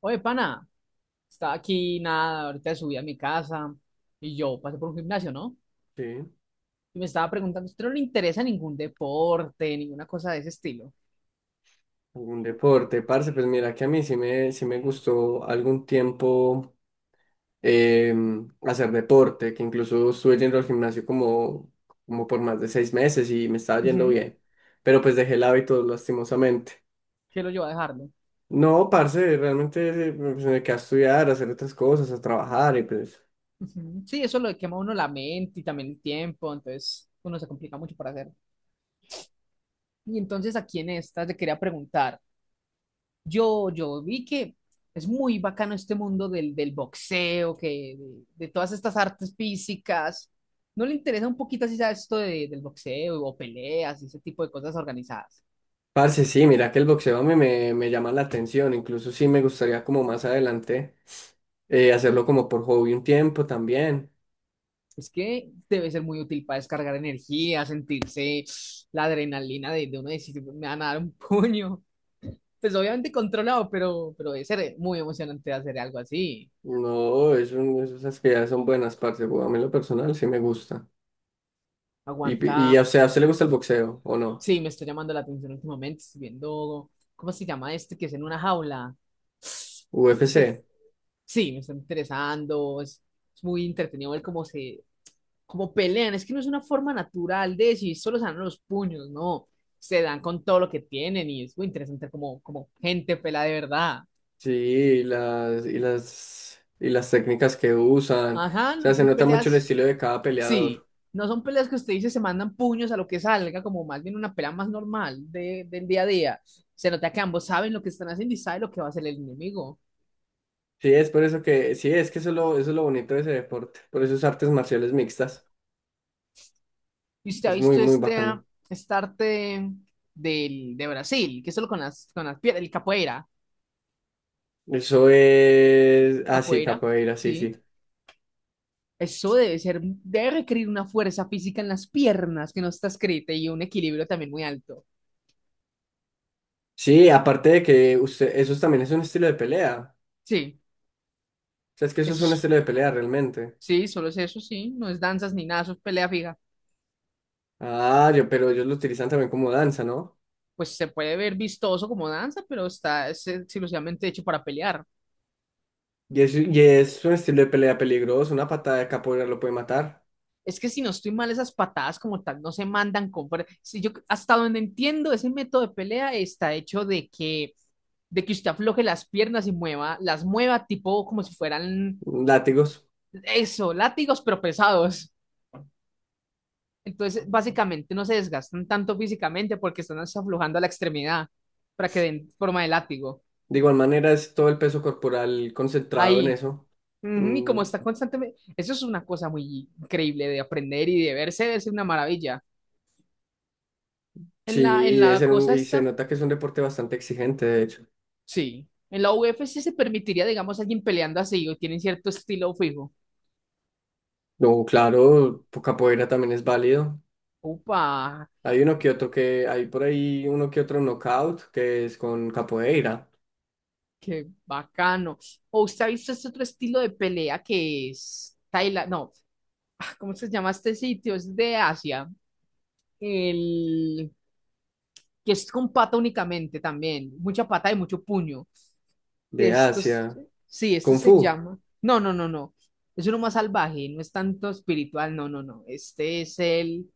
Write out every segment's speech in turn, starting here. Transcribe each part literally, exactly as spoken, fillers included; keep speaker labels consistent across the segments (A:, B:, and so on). A: Oye, pana, estaba aquí, nada, ahorita subí a mi casa y yo pasé por un gimnasio, ¿no?
B: Sí,
A: Y me estaba preguntando, ¿usted no le interesa ningún deporte, ninguna cosa de ese estilo?
B: algún deporte, parce, pues mira que a mí sí me, sí me gustó algún tiempo em, hacer deporte, que incluso estuve yendo al gimnasio como, como por más de seis meses y me estaba yendo
A: Ujú.
B: bien, pero pues dejé el hábito lastimosamente.
A: ¿Qué lo llevó a dejarlo?
B: No, parce, realmente eh, pues, me quedé a estudiar, a hacer otras cosas, a trabajar y pues...
A: Ujú. Sí, eso lo quema a uno la mente y también el tiempo, entonces uno se complica mucho para hacer. Y entonces aquí en esta te quería preguntar, yo, yo vi que es muy bacano este mundo del, del boxeo, que de, de todas estas artes físicas. ¿No le interesa un poquito así, sabes, esto de- del boxeo o peleas y ese tipo de cosas organizadas?
B: Parce, sí, mira que el boxeo a mí me, me llama la atención, incluso sí me gustaría como más adelante eh, hacerlo como por hobby un tiempo también.
A: Es que debe ser muy útil para descargar energía, sentirse la adrenalina de, de uno decir, me van a dar un puño. Pues obviamente controlado, pero, pero debe ser muy emocionante hacer algo así.
B: No, es un- es- esas que ya son buenas, parce. güey. A mí en lo personal sí me gusta. Y, pi- y
A: Aguanta.
B: o sea, ¿a usted le gusta el boxeo o no?
A: Sí, me está llamando la atención últimamente. Estoy viendo, ¿cómo se llama este que es en una jaula? Este que es,
B: U F C.
A: sí, me está interesando. Es, es muy entretenido ver cómo se, cómo pelean. Es que no es una forma natural de decir, solo se dan los puños, no. Se dan con todo lo que tienen y es muy interesante como, como gente pelea de verdad.
B: Sí, y las, y las, y las técnicas que usan.
A: Ajá,
B: O sea,
A: no
B: se
A: son
B: nota mucho el
A: peleas.
B: estilo de cada
A: Sí,
B: peleador.
A: no son peleas que usted dice se mandan puños a lo que salga, como más bien una pelea más normal de, del día a día. Se nota que ambos saben lo que están haciendo y saben lo que va a hacer el enemigo.
B: Sí, es por eso que, sí, es que eso es lo, eso es lo bonito de ese deporte. Por eso es artes marciales mixtas.
A: Y usted ha
B: Es muy,
A: visto
B: muy
A: este,
B: bacano.
A: ah, este arte del, de Brasil, que es solo con las, con las piernas, el capoeira.
B: Eso es, ah, sí,
A: Capoeira,
B: capoeira, sí, sí.
A: sí. Eso debe ser, debe requerir una fuerza física en las piernas que no está escrita y un equilibrio también muy alto.
B: Sí, aparte de que usted, eso también es un estilo de pelea.
A: Sí,
B: O sea, es que eso es
A: eso
B: un
A: es,
B: estilo de pelea realmente.
A: sí, solo es eso, sí. No es danzas ni nada, eso es pelea fija.
B: Ah, yo, pero ellos lo utilizan también como danza, ¿no?
A: Pues se puede ver vistoso como danza, pero está es exclusivamente hecho para pelear.
B: Y es, y es un estilo de pelea peligroso, una patada de capoeira lo puede matar.
A: Es que si no estoy mal, esas patadas como tal no se mandan con... fuer- Si yo, hasta donde entiendo, ese método de pelea está hecho de que, de que usted afloje las piernas y mueva, las mueva tipo como si fueran
B: Mm, látigos.
A: eso, látigos, pero pesados. Entonces, básicamente no se desgastan tanto físicamente porque están aflojando a la extremidad para que den forma de látigo.
B: De igual manera es todo el peso corporal concentrado en
A: Ahí.
B: eso.
A: Ujú. Y
B: Mm,
A: como está constantemente, eso es una cosa muy increíble de aprender y de verse, es una maravilla.
B: sí,
A: En la, en
B: y, debe
A: la
B: ser un-
A: cosa
B: y se
A: esta,
B: nota que es un deporte bastante exigente, de hecho.
A: sí. En la U F C se permitiría, digamos, alguien peleando así o tienen cierto estilo fijo.
B: No, claro, pues, capoeira también es válido.
A: Upa,
B: Hay uno que otro que, hay por ahí uno que otro knockout que es con capoeira
A: qué bacano. O usted ha visto este otro estilo de pelea que es Tailandia, no, ¿cómo se llama este sitio? Es de Asia. El que es con pata únicamente también, mucha pata y mucho puño.
B: de
A: Esto es-
B: Asia,
A: sí, este
B: Kung
A: se
B: Fu,
A: llama. No, no, no, no. Es uno más salvaje, no es tanto espiritual, no, no, no. Este es el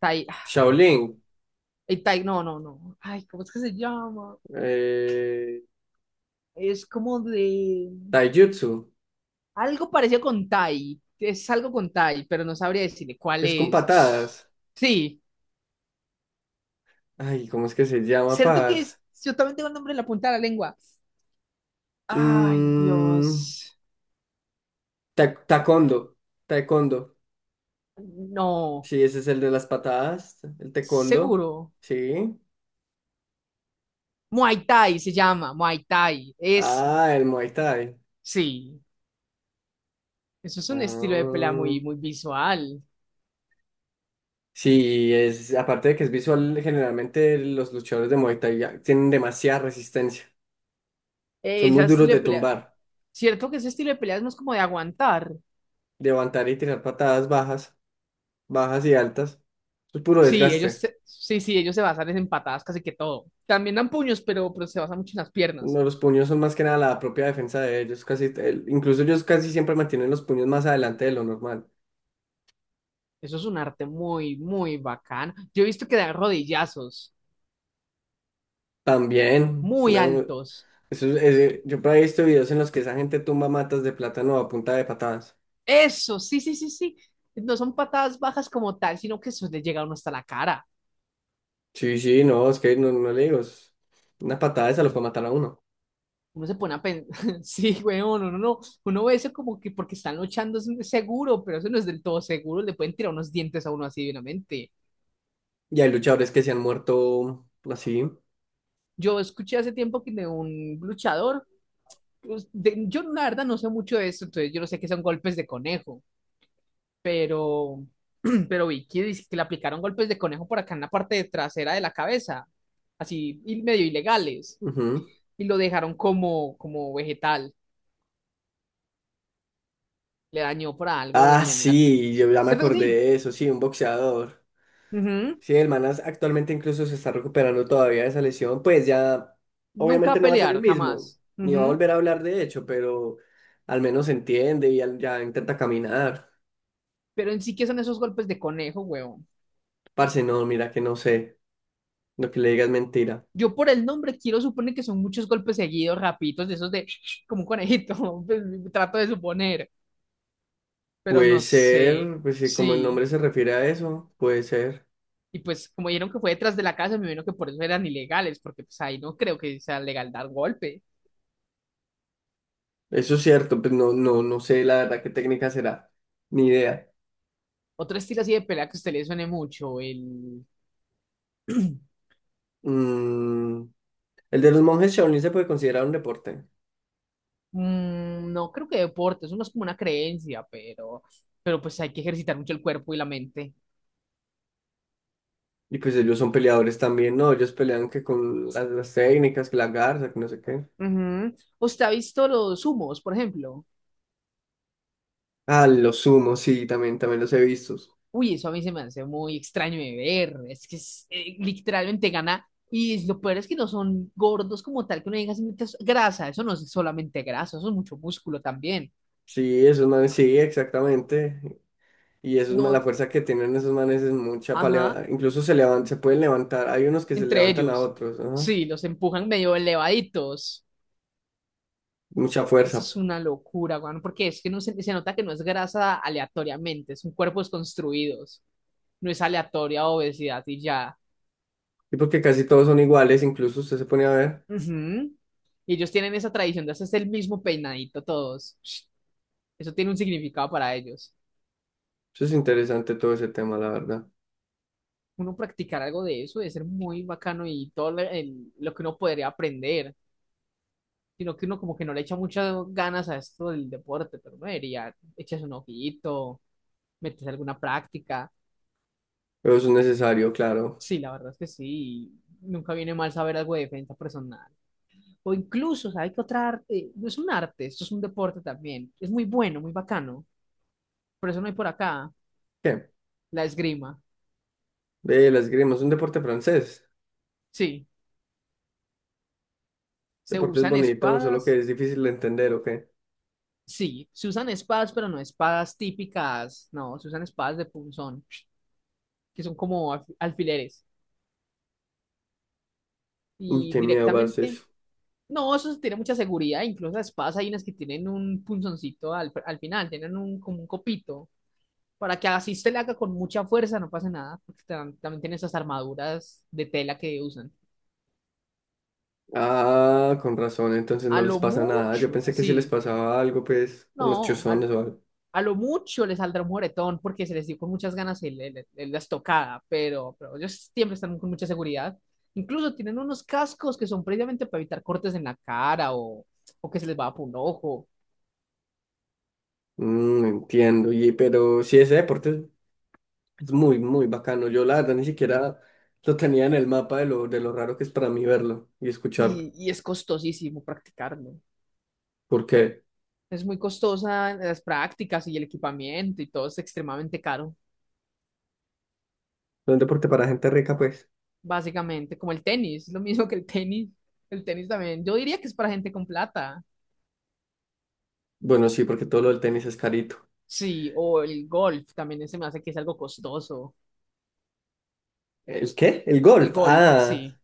A: Tai,
B: Shaolin,
A: el tai, no, no, no. Ay, ¿cómo es que se llama?
B: eh,
A: Es como de
B: Taijutsu.
A: algo parecido con Tai. Es algo con Tai, pero no sabría decirle cuál
B: Es con
A: es.
B: patadas.
A: Sí,
B: Ay, ¿cómo es que se llama,
A: cierto que
B: parce?
A: es, yo también tengo el nombre en la punta de la lengua. Ay,
B: Mm,
A: Dios.
B: ta- taekwondo. Taekwondo.
A: No,
B: Sí, ese es el de las patadas. El taekwondo.
A: seguro.
B: Sí.
A: Muay Thai se llama, Muay Thai. Es,
B: Ah, el Muay Thai.
A: sí. Eso es un estilo de pelea
B: Ah,
A: muy, muy visual.
B: sí, es, aparte de que es visual, generalmente los luchadores de Muay Thai ya tienen demasiada resistencia.
A: Eh,
B: Son muy
A: ese
B: duros
A: estilo de
B: de
A: pelea.
B: tumbar,
A: Cierto que ese estilo de pelea es más como de aguantar.
B: de levantar y tirar patadas bajas, bajas y altas. Es puro
A: Sí, ellos
B: desgaste.
A: se- sí, sí, ellos se basan en patadas casi que todo. También dan puños, pero, pero se basan mucho en las piernas.
B: No, los puños son más que nada la propia defensa de ellos. Casi, el- incluso ellos casi siempre mantienen los puños más adelante de lo normal.
A: Eso es un arte muy, muy bacán. Yo he visto que dan rodillazos
B: También,
A: muy
B: ¿no?
A: altos.
B: Eso, es- ese- yo por ahí he visto videos en los que esa gente tumba matas de plátano a punta de patadas.
A: Eso, sí, sí, sí, sí. No son patadas bajas como tal, sino que eso le llega a uno hasta la cara.
B: Sí, sí, no, es que no, no le digo. es- Una patada esa lo puede matar a uno.
A: Uno se pone a pensar, sí, weón, uno no, no, no. Uno ve eso como que porque están luchando es seguro, pero eso no es del todo seguro, le pueden tirar unos dientes a uno así divinamente.
B: Y hay luchadores que se han muerto así.
A: Yo escuché hace tiempo que de un luchador, pues, de- yo la verdad no sé mucho de eso, entonces yo no sé qué son golpes de conejo, pero, pero vi que dice que le aplicaron golpes de conejo por acá en la parte de trasera de la cabeza, así y medio ilegales,
B: ujú.
A: y lo dejaron como, como vegetal, le dañó por algo
B: Ah,
A: en, en la...
B: sí, yo ya me
A: ¿Cierto que
B: acordé
A: sí?
B: de eso, sí, un boxeador.
A: Ujú.
B: Sí, el Manas actualmente incluso se está recuperando todavía de esa lesión, pues ya
A: Nunca
B: obviamente
A: a
B: no va a ser el
A: pelear,
B: mismo,
A: jamás.
B: ni va a
A: Ujú.
B: volver a hablar de hecho, pero al menos entiende y al- ya intenta caminar.
A: Pero en sí que son esos golpes de conejo, huevón.
B: Parce, no, mira que no sé, lo que le diga es mentira.
A: Yo por el nombre quiero suponer que son muchos golpes seguidos, rapiditos, de esos de como un conejito. Pues, trato de suponer, pero
B: Puede
A: no sé.
B: ser, pues sí, como el
A: Sí.
B: nombre se refiere a eso, puede ser.
A: Y pues como vieron que fue detrás de la casa, me imagino que por eso eran ilegales, porque pues ahí no creo que sea legal dar golpe.
B: Eso es cierto, pues no, no, no sé la verdad qué técnica será, ni idea.
A: Otro estilo así de pelea que a usted le suene mucho, el...
B: Mm, el de los monjes Shaolin se puede considerar un deporte.
A: Mm, no creo que deporte, eso no es como una creencia, pero... Pero pues hay que ejercitar mucho el cuerpo y la mente.
B: Y pues ellos son peleadores también, ¿no? Ellos pelean que con las, las técnicas, que la garza, que no sé qué.
A: Ujú. ¿Usted ha visto los humos, por ejemplo?
B: Ah, los sumos, sí, también, también los he visto.
A: Uy, eso a mí se me hace muy extraño de ver. Es que es, eh, literalmente gana. Y lo peor es que no son gordos como tal, que uno diga "Sí, es grasa. Eso no es solamente grasa, eso es mucho músculo también".
B: Sí, esos manes, sí, exactamente. Y esos manes, la
A: No,
B: fuerza que tienen esos manes es mucha para
A: ajá,
B: levantar. Incluso se levan- se pueden levantar. Hay unos que se
A: entre
B: levantan a
A: ellos.
B: otros, ¿no?
A: Sí, los empujan medio elevaditos.
B: Mucha
A: Eso
B: fuerza.
A: es una locura, weón, porque es que no se, se nota que no es grasa aleatoriamente, es un cuerpo desconstruidos. No es aleatoria obesidad y ya.
B: Y porque casi todos son iguales, incluso usted se pone a ver.
A: Ujú. Y ellos tienen esa tradición de hacerse el mismo peinadito todos. Eso tiene un significado para ellos.
B: Eso es interesante todo ese tema, la verdad.
A: Uno practicar algo de eso debe ser muy bacano y todo lo el- lo que uno podría aprender, sino que uno como que no le echa muchas ganas a esto del deporte, pero no debería echarse un ojito, meterse alguna práctica.
B: Pero eso es necesario, claro.
A: Sí, la verdad es que sí, nunca viene mal saber algo de defensa personal. O incluso, ¿sabes qué otra arte? No es un arte, esto es un deporte también. Es muy bueno, muy bacano. Por eso no hay por acá
B: ¿Qué?
A: la esgrima.
B: Ve, la esgrima es un deporte francés.
A: Sí, se
B: Deporte es
A: usan
B: bonito, solo que
A: espadas.
B: es difícil de entender, ¿ok?
A: Sí, se usan espadas, pero no espadas típicas. No, se usan espadas de punzón, que son como alf- alfileres.
B: Uy,
A: Y
B: qué miedo, parce.
A: directamente, no, eso tiene mucha seguridad. Incluso las espadas hay unas que tienen un punzoncito al, al final, tienen un, como un copito, para que así se le haga con mucha fuerza, no pase nada, porque tam- también tienen esas armaduras de tela que usan.
B: Ah, con razón, entonces no
A: A
B: les
A: lo
B: pasa nada. Yo
A: mucho,
B: pensé que si les
A: así.
B: pasaba algo, pues, con los
A: No,
B: chuzones o algo.
A: a lo mucho les saldrá un moretón porque se les dio con muchas ganas el- el- el- la estocada, pero, pero ellos siempre están con mucha seguridad. Incluso tienen unos cascos que son previamente para evitar cortes en la cara o, o que se les va por un ojo.
B: Mm, entiendo, y, pero sí, ese deporte es muy, muy bacano. Yo, la verdad, ni siquiera lo tenía en el mapa de lo, de lo raro que es para mí verlo y escucharlo.
A: Y, y es costosísimo practicarlo.
B: Porque
A: Es muy costosa las prácticas y el equipamiento y todo es extremadamente caro,
B: es un deporte para gente rica, pues.
A: básicamente, como el tenis, lo mismo que el tenis. El tenis también, yo diría que es para gente con plata.
B: Bueno, sí, porque todo lo del tenis es carito.
A: Sí, o el golf también se me hace que es algo costoso.
B: ¿El qué? El
A: El
B: golf.
A: golf,
B: Ah,
A: sí.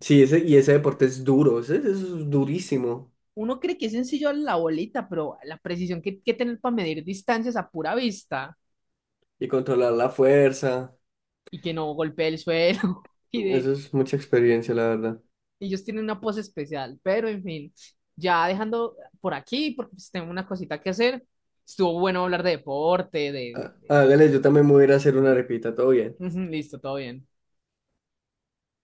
B: sí, ese, y ese deporte es duro, ese ese es durísimo.
A: Uno cree que es sencillo la bolita, pero la precisión que hay que tener para medir distancias a pura vista
B: Y controlar la fuerza.
A: y que no golpee el suelo. Y
B: Eso
A: de,
B: es mucha experiencia, la verdad.
A: ellos tienen una pose especial, pero en fin, ya dejando por aquí, porque pues tengo una cosita que hacer, estuvo bueno hablar de deporte, de,
B: Ah,
A: de-
B: hágale, yo también me voy a ir a hacer una arepita, todo bien.
A: de- Listo, todo bien.